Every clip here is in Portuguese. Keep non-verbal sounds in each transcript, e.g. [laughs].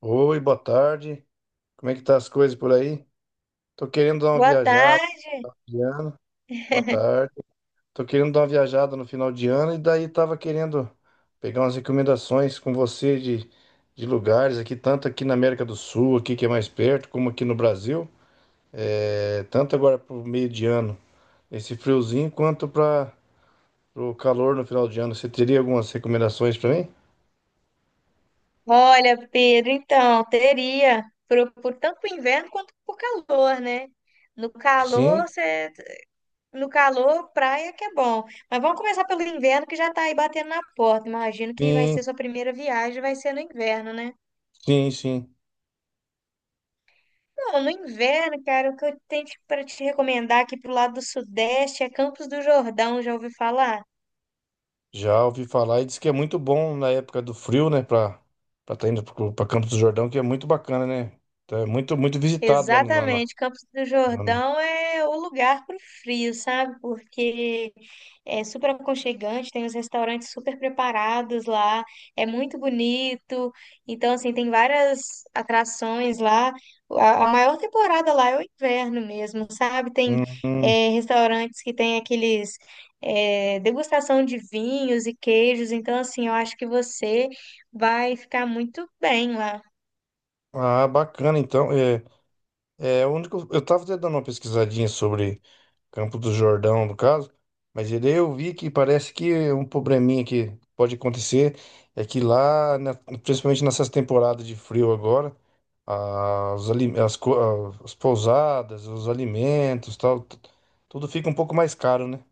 Oi, boa tarde. Como é que tá as coisas por aí? Tô querendo dar uma Boa viajada tarde. de ano. Boa [laughs] tarde. Tô querendo dar uma viajada no final de ano e daí tava querendo pegar umas recomendações com você de lugares aqui, tanto aqui na América do Sul, aqui que é mais perto, como aqui no Brasil. Tanto agora pro meio de ano, esse friozinho, quanto para o calor no final de ano. Você teria algumas recomendações para mim? Olha, Pedro, então, teria, por tanto por inverno quanto por calor, né? No Sim, calor, no calor, praia que é bom. Mas vamos começar pelo inverno, que já tá aí batendo na porta. Imagino que vai ser sim, sua primeira viagem, vai ser no inverno, né? sim, sim. Não, no inverno, cara, o que eu tenho para te pra te recomendar aqui pro lado do Sudeste é Campos do Jordão, já ouvi falar? Já ouvi falar e diz que é muito bom na época do frio, né? Pra tá indo pra Campos do Jordão, que é muito bacana, né? Então, é muito, muito visitado lá Exatamente, Campos do na- no- Jordão é o lugar para o frio, sabe? Porque é super aconchegante, tem os restaurantes super preparados lá, é muito bonito. Então, assim, tem várias atrações lá. A maior temporada lá é o inverno mesmo, sabe? Tem Hum, hum. Restaurantes que tem aqueles degustação de vinhos e queijos. Então, assim, eu acho que você vai ficar muito bem lá. Ah, bacana, então. É, é o único. Eu tava até dando uma pesquisadinha sobre Campo do Jordão, no caso. Mas ele eu vi que parece que um probleminha que pode acontecer é que lá, principalmente nessas temporadas de frio agora, ah, ali- as, co- as pousadas, os alimentos, tal, tudo fica um pouco mais caro, né?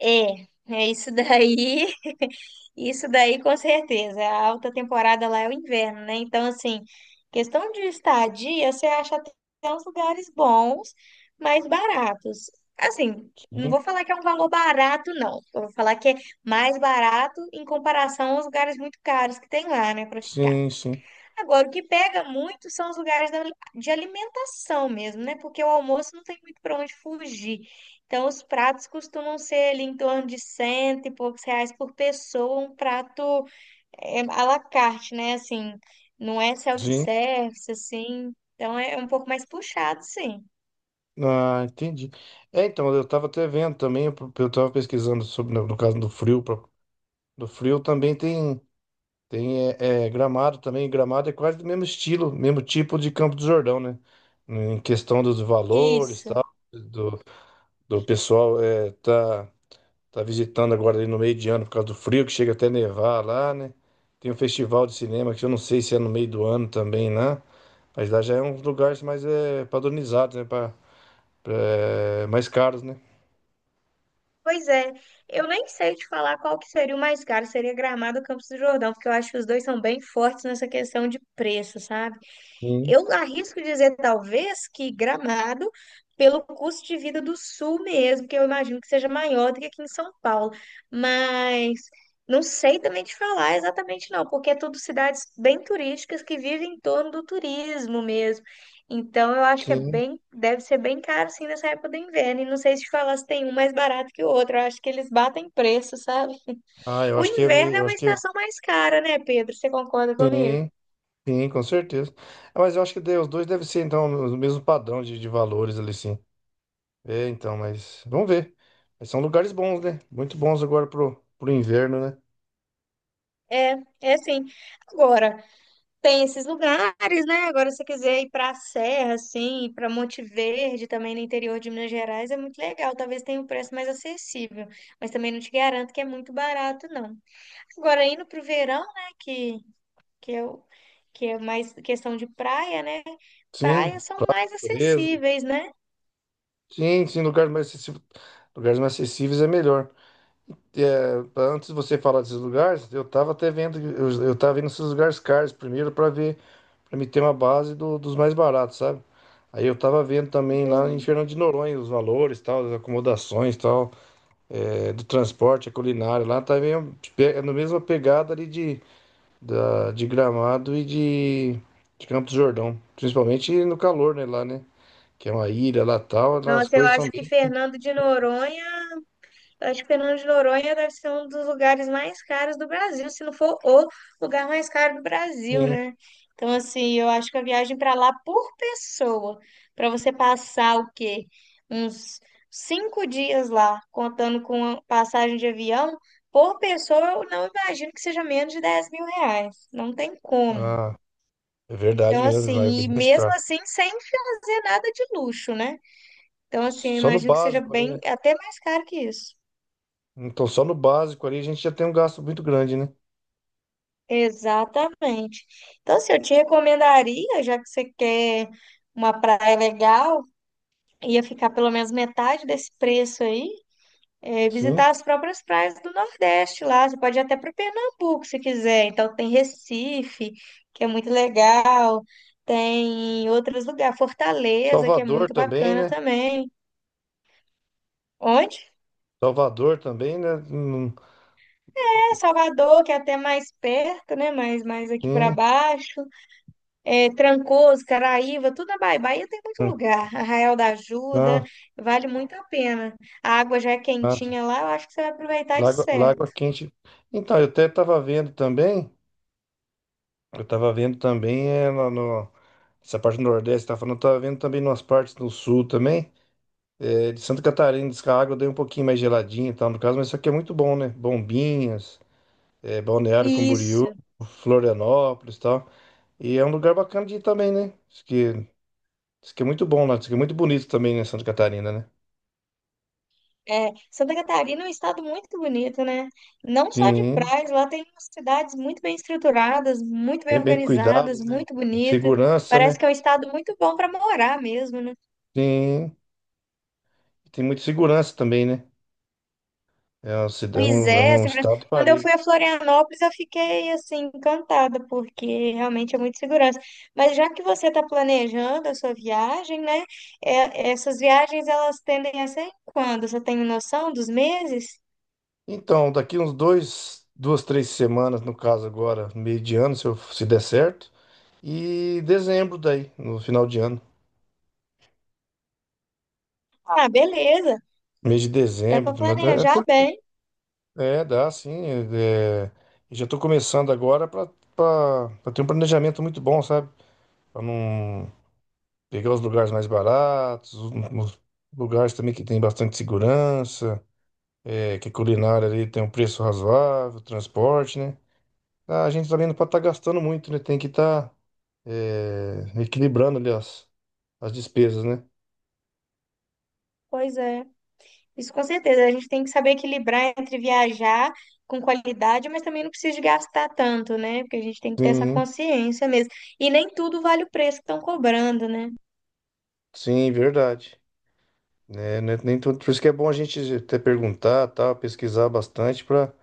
É, é isso daí, [laughs] isso daí com certeza. A alta temporada lá é o inverno, né? Então, assim, questão de estadia, você acha até uns lugares bons, mas baratos. Assim, não Sim, vou falar que é um valor barato, não. Eu vou falar que é mais barato em comparação aos lugares muito caros que tem lá, né, para ficar. sim, sim. Agora, o que pega muito são os lugares de alimentação mesmo, né? Porque o almoço não tem muito para onde fugir. Então, os pratos costumam ser ali em torno de cento e poucos reais por pessoa, um prato à la carte, né? Assim, não é sim. self-service, assim. Então, é um pouco mais puxado, sim. Ah, entendi. É, então, eu tava até vendo também, eu tava pesquisando sobre, no caso do frio, do frio também tem. Tem é, Gramado também. Gramado é quase do mesmo estilo, mesmo tipo de Campo do Jordão, né? Em questão dos valores, Isso. tal, do, do pessoal tá visitando agora ali no meio de ano por causa do frio, que chega até nevar lá, né? Tem um festival de cinema que eu não sei se é no meio do ano também lá, mas lá já é um lugar mais padronizado, né? Mais caros, né? Pois é, eu nem sei te falar qual que seria o mais caro, seria Gramado ou Campos do Jordão, porque eu acho que os dois são bem fortes nessa questão de preço, sabe? Sim, Eu arrisco dizer, talvez, que Gramado, pelo custo de vida do Sul mesmo, que eu imagino que seja maior do que aqui em São Paulo. Mas não sei também te falar exatamente, não, porque é tudo cidades bem turísticas que vivem em torno do turismo mesmo. Então, eu acho que é sim. bem, deve ser bem caro, sim, nessa época do inverno. E não sei se te falar se tem um mais barato que o outro. Eu acho que eles batem preço, sabe? Ah, [laughs] eu O acho inverno é eu uma acho que é, estação mais cara, né, Pedro? Você concorda comigo? sim. Sim, com certeza. Ah, mas eu acho que os dois devem ser, então, no mesmo padrão de valores ali, sim. É, então, mas vamos ver. Mas são lugares bons, né? Muito bons agora pro inverno, né? É, é sim. Agora, tem esses lugares, né? Agora, se você quiser ir para a Serra, assim, para Monte Verde, também no interior de Minas Gerais, é muito legal. Talvez tenha um preço mais acessível, mas também não te garanto que é muito barato, não. Agora, indo para o verão, né? É que é mais questão de praia, né? Sim, Praias são mais natureza. acessíveis, né? Sim, sim, lugares mais acessíveis é melhor. Antes de você falar desses lugares, eu tava até vendo, eu tava vendo esses lugares caros primeiro para ver, para me ter uma base dos mais baratos, sabe? Aí eu tava vendo também lá em Entendi. Fernando de Noronha os valores, tal, as acomodações, tal. É, do transporte, a culinária lá tá meio, tipo, é na mesma pegada ali de Gramado e de Campos do Jordão. Principalmente no calor, né, lá, né? Que é uma ilha lá tal, lá as Nossa, eu coisas são acho que bem. Fernando de Noronha acho que Fernando de Noronha deve ser um dos lugares mais caros do Brasil, se não for o lugar mais caro do Brasil, Sim. né? Então, assim, eu acho que a viagem para lá por pessoa, para você passar o quê? Uns 5 dias lá, contando com a passagem de avião, por pessoa, eu não imagino que seja menos de R$ 10.000. Não tem como. Ah, é verdade Então, mesmo, lá é assim, e bem mais mesmo caro. assim, sem fazer nada de luxo, né? Então, assim, eu Só no imagino que seja básico ali, bem, né? até mais caro que isso. Então só no básico ali a gente já tem um gasto muito grande, né? Exatamente. Então, se eu te recomendaria, já que você quer uma praia legal, ia ficar pelo menos metade desse preço aí, é, visitar Sim. as próprias praias do Nordeste lá. Você pode ir até para Pernambuco se quiser. Então, tem Recife, que é muito legal, tem outros lugares, Fortaleza, que é Salvador muito também, bacana né? também. Onde Salvador também, né? É Salvador, que é até mais perto, né? Mais aqui para sim. baixo. É, Trancoso, Caraíva, tudo na Bahia. Bahia tem muito lugar. Arraial da Ajuda, Ah, vale muito a pena. A água já é ah. quentinha lá, eu acho que você vai aproveitar de Lagoa, Lagoa certo. Quente. Então, eu até estava vendo também. Eu tava vendo também essa parte do Nordeste, tá falando, eu tava vendo também umas partes do Sul também, é, de Santa Catarina, diz que a água deu um pouquinho mais geladinha e tal, no caso, mas isso aqui é muito bom, né? Bombinhas, é, Balneário Isso, Camboriú, Florianópolis e tal, e é um lugar bacana de ir também, né? Diz que é muito bom lá, diz que é muito bonito também, né, Santa Catarina, né? é. Santa Catarina é um estado muito bonito, né? Não só de Sim, praias, lá tem umas cidades muito bem estruturadas, muito bem tem bem cuidado, organizadas, né? muito bonito. Segurança, Parece né? que é um estado muito bom para morar mesmo, né? Sim, tem muita segurança também, né? É Pois é é, um segurança. estado Quando eu fui parelho. a Florianópolis, eu fiquei assim encantada, porque realmente é muito segurança. Mas já que você está planejando a sua viagem, né? é- essas viagens elas tendem a ser quando? Você tem noção dos meses? Então, daqui uns dois, duas, três semanas, no caso agora, meio de ano, se der certo. E dezembro daí, no final de ano. Ah, beleza. Mês de Dá para dezembro, planejar bem. Dá sim. É, e já tô começando agora pra para ter um planejamento muito bom, sabe? Para não pegar os lugares mais baratos, os lugares também que tem bastante segurança, é, que a culinária ali tem um preço razoável, transporte, né? A gente também não pode estar gastando muito, né? Tem que estar é, equilibrando ali as despesas, né? Pois é. Isso com certeza. A gente tem que saber equilibrar entre viajar com qualidade, mas também não precisa de gastar tanto, né? Porque a gente tem que ter essa Sim, consciência mesmo. E nem tudo vale o preço que estão cobrando, né? sim, verdade. Né, Nem tudo, por isso que é bom a gente até perguntar, tá, pesquisar bastante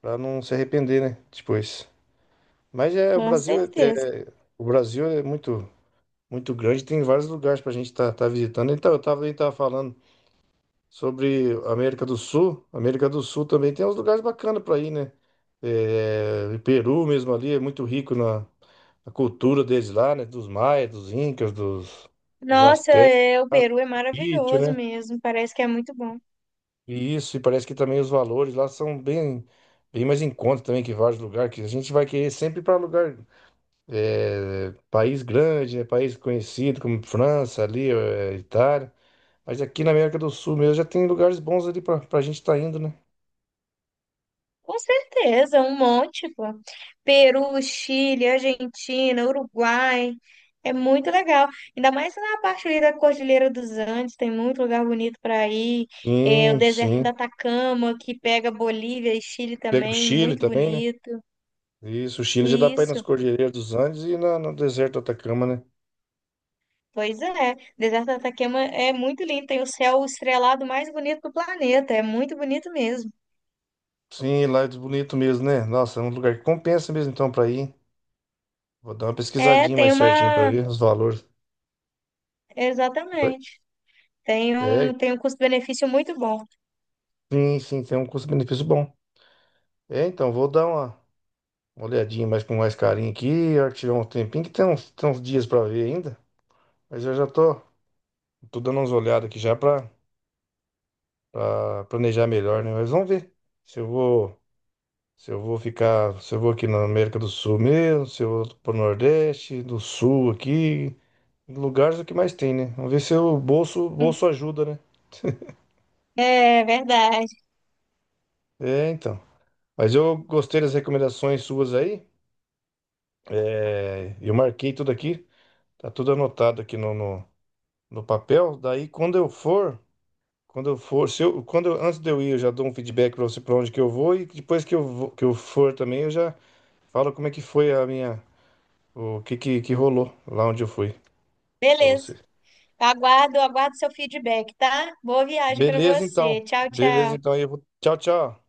para não se arrepender, né, depois. Mas é o Com Brasil é, certeza. é- o Brasil é muito muito grande, tem vários lugares para a gente estar visitando. Então eu tava falando sobre América do Sul também tem uns lugares bacanas para ir, né? É, Peru mesmo ali é muito rico na cultura deles lá, né? Dos maias, dos incas, dos Nossa, astecas, é, o Peru é sítio, maravilhoso né? mesmo, parece que é muito bom. E isso, e parece que também os valores lá são bem mais em conta também que vários lugares, que a gente vai querer sempre para lugar, é, país grande, né? País conhecido como França, ali, é, Itália. Mas aqui na América do Sul mesmo já tem lugares bons ali para a gente estar indo, né? Com certeza, um monte, pô. Peru, Chile, Argentina, Uruguai, é muito legal. Ainda mais na parte ali da Cordilheira dos Andes, tem muito lugar bonito para ir. É, o Sim, deserto sim. da Atacama, que pega Bolívia e Chile Pega o também, Chile muito também, né? bonito. Isso, o Chile já dá pra ir nas Isso, Cordilheiras dos Andes e no deserto do Atacama, né? pois é. O deserto da Atacama é muito lindo, tem o céu estrelado mais bonito do planeta, é muito bonito mesmo. Sim, lá é bonito mesmo, né? Nossa, é um lugar que compensa mesmo então pra ir. Vou dar uma É, pesquisadinha tem mais certinho pra uma ver os valores. Oi? Exatamente. Tem É, um, tem um custo-benefício muito bom. sim, sim, tem um custo-benefício bom. É, então, vou dar uma olhadinha mais com mais carinho aqui, a hora que tiver um tempinho, que tem uns dias pra ver ainda. Mas eu já tô dando umas olhadas aqui já pra planejar melhor, né? Mas vamos ver se eu vou. Se eu vou ficar, se eu vou aqui na América do Sul mesmo, se eu vou pro Nordeste, do Sul aqui, lugares é o que mais tem, né? Vamos ver se o bolso ajuda, né? É verdade. É, então. Mas eu gostei das recomendações suas aí. É, eu marquei tudo aqui, tá tudo anotado aqui no papel. Daí quando eu for, se eu, antes de eu ir, eu já dou um feedback para você para onde que eu vou e depois que eu vou, que eu for também, eu já falo como é que foi o que que rolou lá onde eu fui para você. Beleza. Aguardo seu feedback, tá? Boa viagem para Beleza, então. você. Tchau, Beleza, tchau. então. Aí eu vou... Tchau, tchau.